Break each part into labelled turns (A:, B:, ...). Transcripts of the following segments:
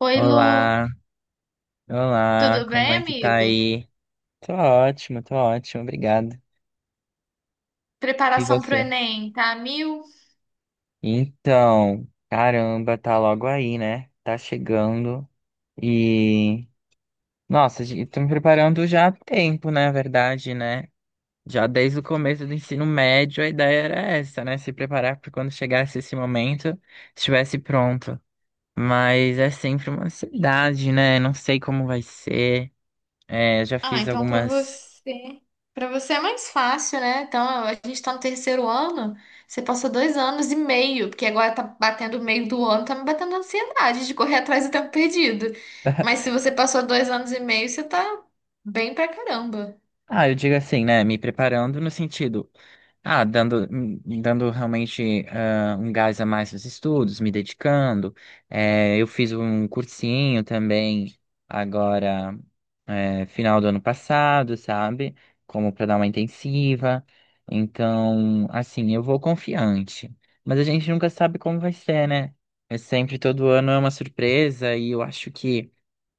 A: Oi, Lu.
B: Olá, olá,
A: Tudo
B: como
A: bem,
B: é que tá
A: amigo?
B: aí? Tô ótimo, obrigado. E
A: Preparação pro
B: você?
A: Enem, tá a mil?
B: Então, caramba, tá logo aí, né? Tá chegando e. Nossa, gente, tô me preparando já há tempo, na verdade, né? Já desde o começo do ensino médio a ideia era essa, né? Se preparar para quando chegasse esse momento, estivesse pronto. Mas é sempre uma ansiedade, né? Não sei como vai ser. É, já
A: Ah,
B: fiz
A: então pra
B: algumas.
A: você, para você é mais fácil, né? Então, a gente tá no terceiro ano, você passou 2 anos e meio, porque agora tá batendo o meio do ano, tá me batendo ansiedade de correr atrás do tempo perdido. Mas se você passou 2 anos e meio, você tá bem pra caramba.
B: Ah, eu digo assim, né? Me preparando no sentido, dando, dando realmente um gás a mais nos estudos, me dedicando. Eu fiz um cursinho também agora, final do ano passado, sabe? Como para dar uma intensiva. Então, assim, eu vou confiante. Mas a gente nunca sabe como vai ser, né? É sempre todo ano é uma surpresa e eu acho que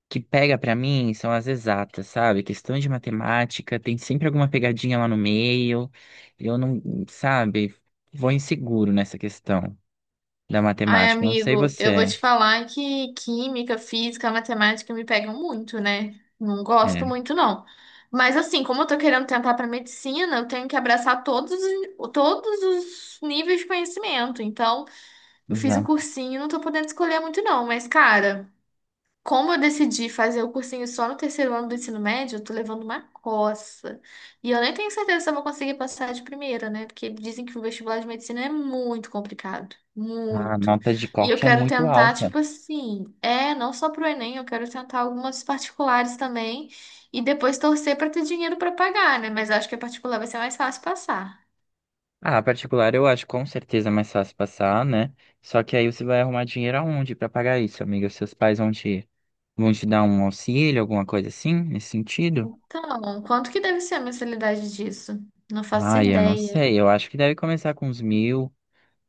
B: que pega pra mim são as exatas, sabe? Questão de matemática, tem sempre alguma pegadinha lá no meio. Eu não, sabe, vou inseguro nessa questão da
A: Ai,
B: matemática. Não sei
A: amigo, eu vou
B: você.
A: te falar que química, física, matemática me pegam muito, né? Não gosto
B: É,
A: muito, não. Mas assim, como eu tô querendo tentar para medicina, eu tenho que abraçar todos os níveis de conhecimento. Então, eu fiz o
B: exato.
A: cursinho, não tô podendo escolher muito, não. Mas, cara. Como eu decidi fazer o cursinho só no terceiro ano do ensino médio, eu tô levando uma coça. E eu nem tenho certeza se eu vou conseguir passar de primeira, né? Porque dizem que o vestibular de medicina é muito complicado.
B: A
A: Muito.
B: nota de
A: E eu
B: corte é
A: quero
B: muito
A: tentar,
B: alta.
A: tipo assim, não só pro Enem, eu quero tentar algumas particulares também. E depois torcer pra ter dinheiro pra pagar, né? Mas eu acho que a particular vai ser mais fácil passar.
B: Ah, a particular eu acho com certeza mais fácil passar, né? Só que aí você vai arrumar dinheiro aonde pra pagar isso, amiga? Seus pais vão te dar um auxílio, alguma coisa assim, nesse sentido?
A: Então, quanto que deve ser a mensalidade disso? Não faço
B: Ah, eu não
A: ideia.
B: sei. Eu acho que deve começar com uns 1.000.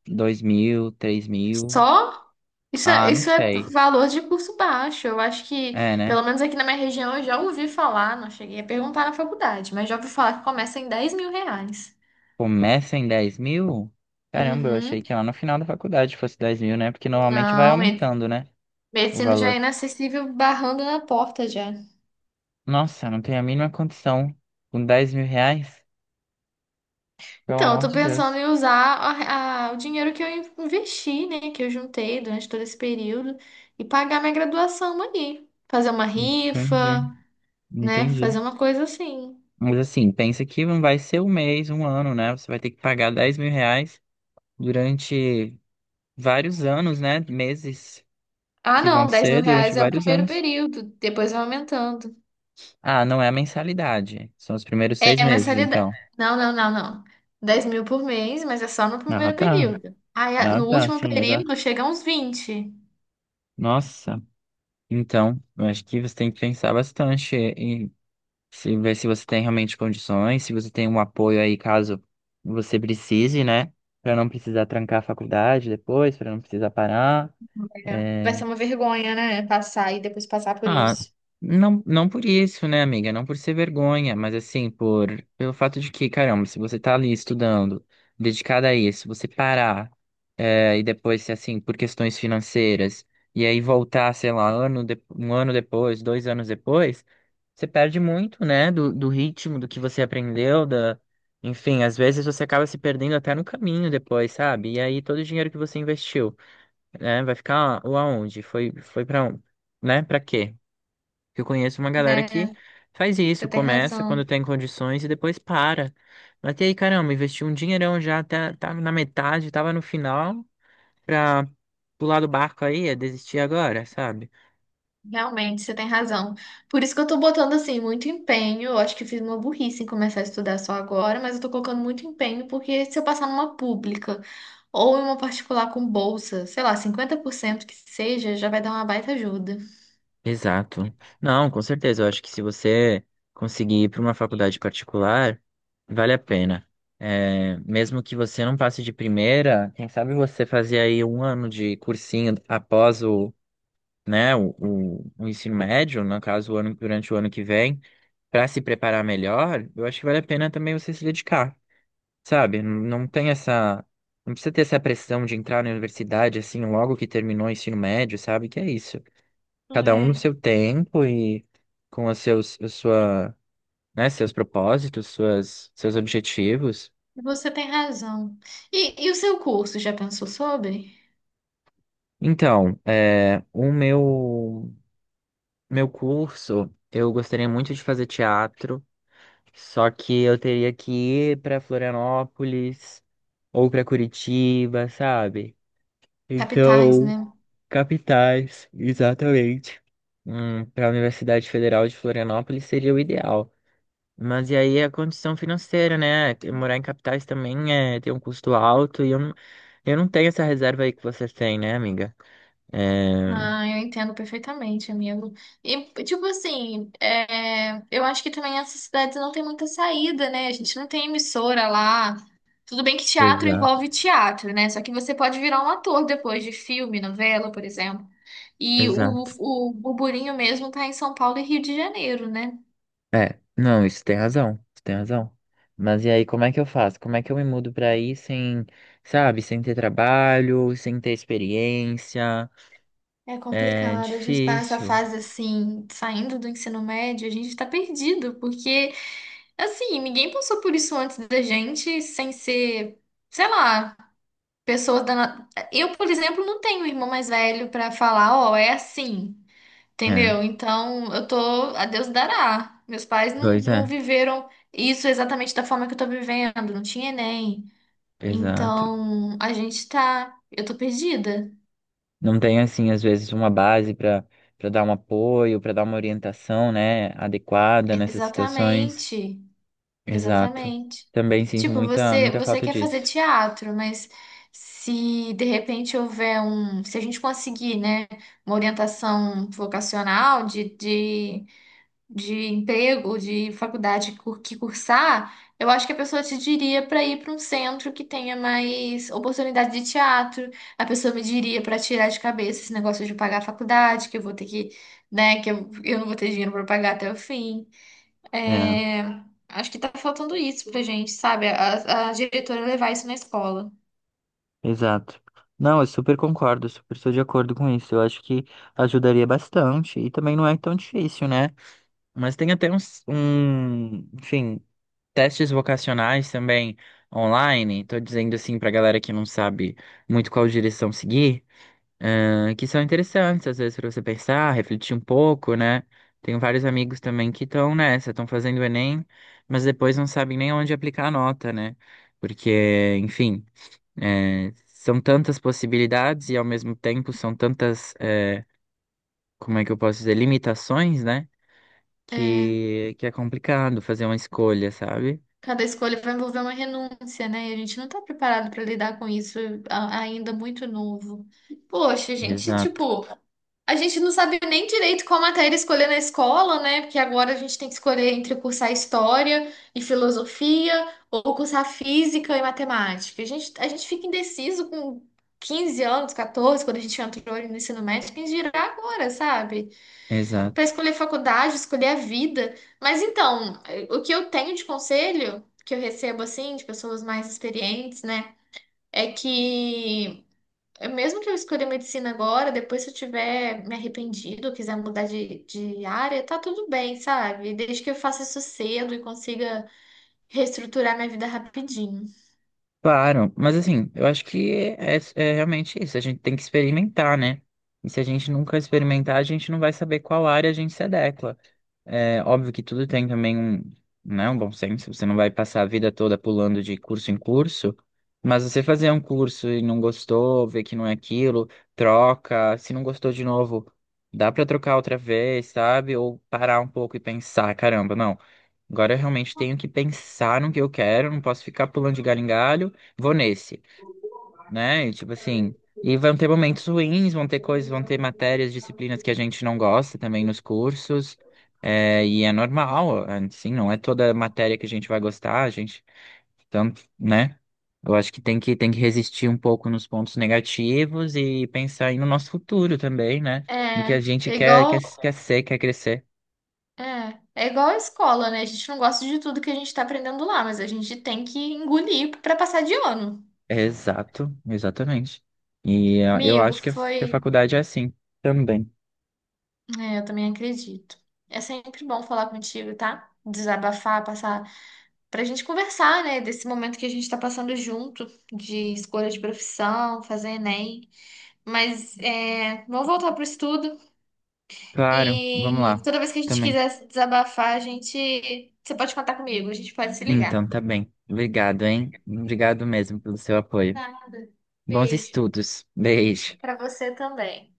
B: 2.000, 3.000.
A: Só? Isso
B: Ah,
A: é,
B: não
A: isso é
B: sei.
A: valor de curso baixo. Eu acho que,
B: É,
A: pelo
B: né?
A: menos aqui na minha região, eu já ouvi falar, não cheguei a perguntar na faculdade, mas já ouvi falar que começa em 10 mil reais.
B: Começa em 10.000? Caramba, eu achei
A: Uhum.
B: que lá no final da faculdade fosse 10.000, né? Porque normalmente vai
A: Não, me-
B: aumentando, né? O
A: Medicina já é
B: valor.
A: inacessível, barrando na porta já.
B: Nossa, eu não tenho a mínima condição. Com R$ 10.000? Pelo
A: Então, eu
B: amor
A: tô
B: de
A: pensando
B: Deus.
A: em usar o dinheiro que eu investi, né, que eu juntei durante todo esse período e pagar minha graduação ali. Fazer uma rifa,
B: Entendi,
A: né,
B: entendi.
A: fazer uma coisa assim.
B: Mas assim, pensa que não vai ser um mês, um ano, né? Você vai ter que pagar R$ 10.000 durante vários anos, né? Meses
A: Ah,
B: que vão
A: não, 10 mil
B: ser durante
A: reais é o
B: vários
A: primeiro
B: anos.
A: período, depois vai aumentando.
B: Ah, não é a mensalidade. São os primeiros seis
A: É a
B: meses,
A: mensalidade.
B: então.
A: Não, não, não, não. 10 mil por mês, mas é só no
B: Ah,
A: primeiro
B: tá.
A: período. Aí,
B: Ah,
A: no
B: tá,
A: último
B: sim,
A: período,
B: exato.
A: chega uns 20.
B: Nossa. Então, eu acho que você tem que pensar bastante e se ver se você tem realmente condições, se você tem um apoio aí caso você precise, né? Pra não precisar trancar a faculdade depois, pra não precisar parar.
A: É. Vai
B: É,
A: ser uma vergonha, né? Passar e depois passar por
B: Ah,
A: isso.
B: não, não por isso, né, amiga? Não por ser vergonha, mas assim, por pelo fato de que, caramba, se você tá ali estudando, dedicada a isso, você parar, e depois, se, assim, por questões financeiras, e aí voltar, sei lá, um ano depois, 2 anos depois, você perde muito, né, do ritmo, do que você aprendeu, da... Enfim, às vezes você acaba se perdendo até no caminho depois, sabe? E aí todo o dinheiro que você investiu, né, vai ficar aonde? Foi pra, um, né, pra quê? Que eu conheço uma galera
A: É,
B: que faz
A: você
B: isso,
A: tem
B: começa quando
A: razão.
B: tem condições e depois para. Mas e aí, caramba, investiu um dinheirão já, tá na metade, tava no final, pra pular do barco aí, é desistir agora, sabe?
A: Realmente, você tem razão. Por isso que eu tô botando, assim, muito empenho. Eu acho que eu fiz uma burrice em começar a estudar só agora, mas eu tô colocando muito empenho, porque se eu passar numa pública ou em uma particular com bolsa, sei lá, 50% que seja, já vai dar uma baita ajuda.
B: Exato. Não, com certeza, eu acho que se você conseguir ir para uma faculdade particular, vale a pena. É, mesmo que você não passe de primeira, quem sabe você fazer aí um ano de cursinho após o, né, o ensino médio, no caso, o ano, durante o ano que vem para se preparar melhor, eu acho que vale a pena também você se dedicar, sabe? Não não tem essa. Não precisa ter essa pressão de entrar na universidade assim logo que terminou o ensino médio, sabe? Que é isso. Cada um no seu tempo e com os seus, a sua, né, seus propósitos, suas, seus objetivos.
A: Você tem razão. E o seu curso, já pensou sobre?
B: Então, o meu curso, eu gostaria muito de fazer teatro, só que eu teria que ir para Florianópolis ou para Curitiba, sabe?
A: Capitais,
B: Então,
A: né?
B: capitais, exatamente. Para a Universidade Federal de Florianópolis seria o ideal. Mas e aí a condição financeira, né? Que morar em capitais também é, tem um custo alto e eu, eu não tenho essa reserva aí que você tem né, amiga? É,
A: Ah, eu entendo perfeitamente, amigo. E, tipo assim, eu acho que também essas cidades não tem muita saída, né? A gente não tem emissora lá. Tudo bem que teatro
B: exato,
A: envolve teatro, né? Só que você pode virar um ator depois de filme, novela, por exemplo. E o,
B: exato.
A: o burburinho mesmo tá em São Paulo e Rio de Janeiro, né?
B: É, não, isso tem razão, isso tem razão. Mas e aí, como é que eu faço? Como é que eu me mudo para aí sem, sabe, sem ter trabalho, sem ter experiência?
A: É
B: É
A: complicado, a gente tá nessa
B: difícil.
A: fase assim, saindo do ensino médio, a gente está perdido, porque assim, ninguém passou por isso antes da gente, sem ser, sei lá, eu, por exemplo, não tenho irmão mais velho para falar, ó, é assim,
B: É,
A: entendeu? Então, eu tô, a Deus dará. Meus pais não,
B: pois
A: não
B: é.
A: viveram isso exatamente da forma que eu tô vivendo, não tinha Enem.
B: Exato.
A: Então, a gente tá, eu tô perdida.
B: Não tem assim às vezes uma base para dar um apoio, para dar uma orientação, né, adequada nessas situações.
A: Exatamente.
B: Exato.
A: Exatamente.
B: Também sinto
A: Tipo,
B: muita
A: você,
B: muita
A: você
B: falta
A: quer fazer
B: disso.
A: teatro, mas se de repente houver um, se a gente conseguir, né, uma orientação vocacional de emprego, de faculdade que cursar, eu acho que a pessoa te diria para ir para um centro que tenha mais oportunidade de teatro. A pessoa me diria para tirar de cabeça esse negócio de pagar a faculdade, que eu vou ter que, né, que eu não vou ter dinheiro para pagar até o fim.
B: É,
A: É, acho que tá faltando isso pra gente, sabe? A diretora levar isso na escola.
B: exato. Não, eu super concordo, super estou de acordo com isso. Eu acho que ajudaria bastante e também não é tão difícil, né? Mas tem até um, enfim, testes vocacionais também online. Tô dizendo assim pra galera que não sabe muito qual direção seguir. Que são interessantes, às vezes, para você pensar, refletir um pouco, né? Tenho vários amigos também que estão nessa, estão fazendo o Enem, mas depois não sabem nem onde aplicar a nota, né? Porque, enfim, são tantas possibilidades e, ao mesmo tempo, são tantas, como é que eu posso dizer, limitações, né?
A: É,
B: Que é complicado fazer uma escolha, sabe?
A: cada escolha vai envolver uma renúncia, né? E a gente não tá preparado para lidar com isso ainda muito novo. Poxa, a gente,
B: Exato,
A: tipo, a gente não sabe nem direito qual matéria escolher na escola, né? Porque agora a gente tem que escolher entre cursar história e filosofia ou cursar física e matemática. A gente fica indeciso com 15 anos, 14, quando a gente entrou ali no ensino médio, quem dirá agora, sabe? Para
B: exato.
A: escolher faculdade, escolher a vida. Mas então, o que eu tenho de conselho que eu recebo assim de pessoas mais experientes, né, é que mesmo que eu escolha medicina agora, depois se eu tiver me arrependido, quiser mudar de área, tá tudo bem, sabe? Desde que eu faça isso cedo e consiga reestruturar minha vida rapidinho.
B: Claro, mas assim, eu acho que é realmente isso. A gente tem que experimentar, né? E se a gente nunca experimentar, a gente não vai saber qual área a gente se adequa. É óbvio que tudo tem também né, um bom senso. Você não vai passar a vida toda pulando de curso em curso, mas você fazer um curso e não gostou, ver que não é aquilo, troca. Se não gostou de novo, dá pra trocar outra vez, sabe? Ou parar um pouco e pensar, caramba, não. Agora eu realmente tenho que pensar no que eu quero, não posso ficar pulando de galho em galho, vou nesse né? E, tipo assim, e vão ter momentos ruins, vão ter coisas, vão ter matérias, disciplinas que a gente não gosta também nos cursos. É, e é normal, assim, não é toda matéria que a gente vai gostar, a gente, tanto, né? Eu acho que tem que resistir um pouco nos pontos negativos e pensar aí no nosso futuro também, né? No que a
A: É.
B: gente quer, quer ser, quer crescer.
A: É, é igual a escola, né? A gente não gosta de tudo que a gente tá aprendendo lá, mas a gente tem que engolir para passar de ano.
B: Exato, exatamente. E eu
A: Amigo,
B: acho que que a
A: foi.
B: faculdade é assim também.
A: É, eu também acredito. É sempre bom falar contigo, tá? Desabafar, passar. Pra gente conversar, né? Desse momento que a gente tá passando junto, de escolha de profissão, fazer Enem. Mas é, vamos voltar pro estudo.
B: Claro, vamos
A: E
B: lá.
A: toda vez que a gente
B: Também.
A: quiser se desabafar, a gente. Você pode contar comigo, a gente pode se ligar.
B: Então, tá bem. Obrigado, hein? Obrigado mesmo pelo seu apoio.
A: Nada.
B: Bons
A: Beijo.
B: estudos. Beijo.
A: Pra você também.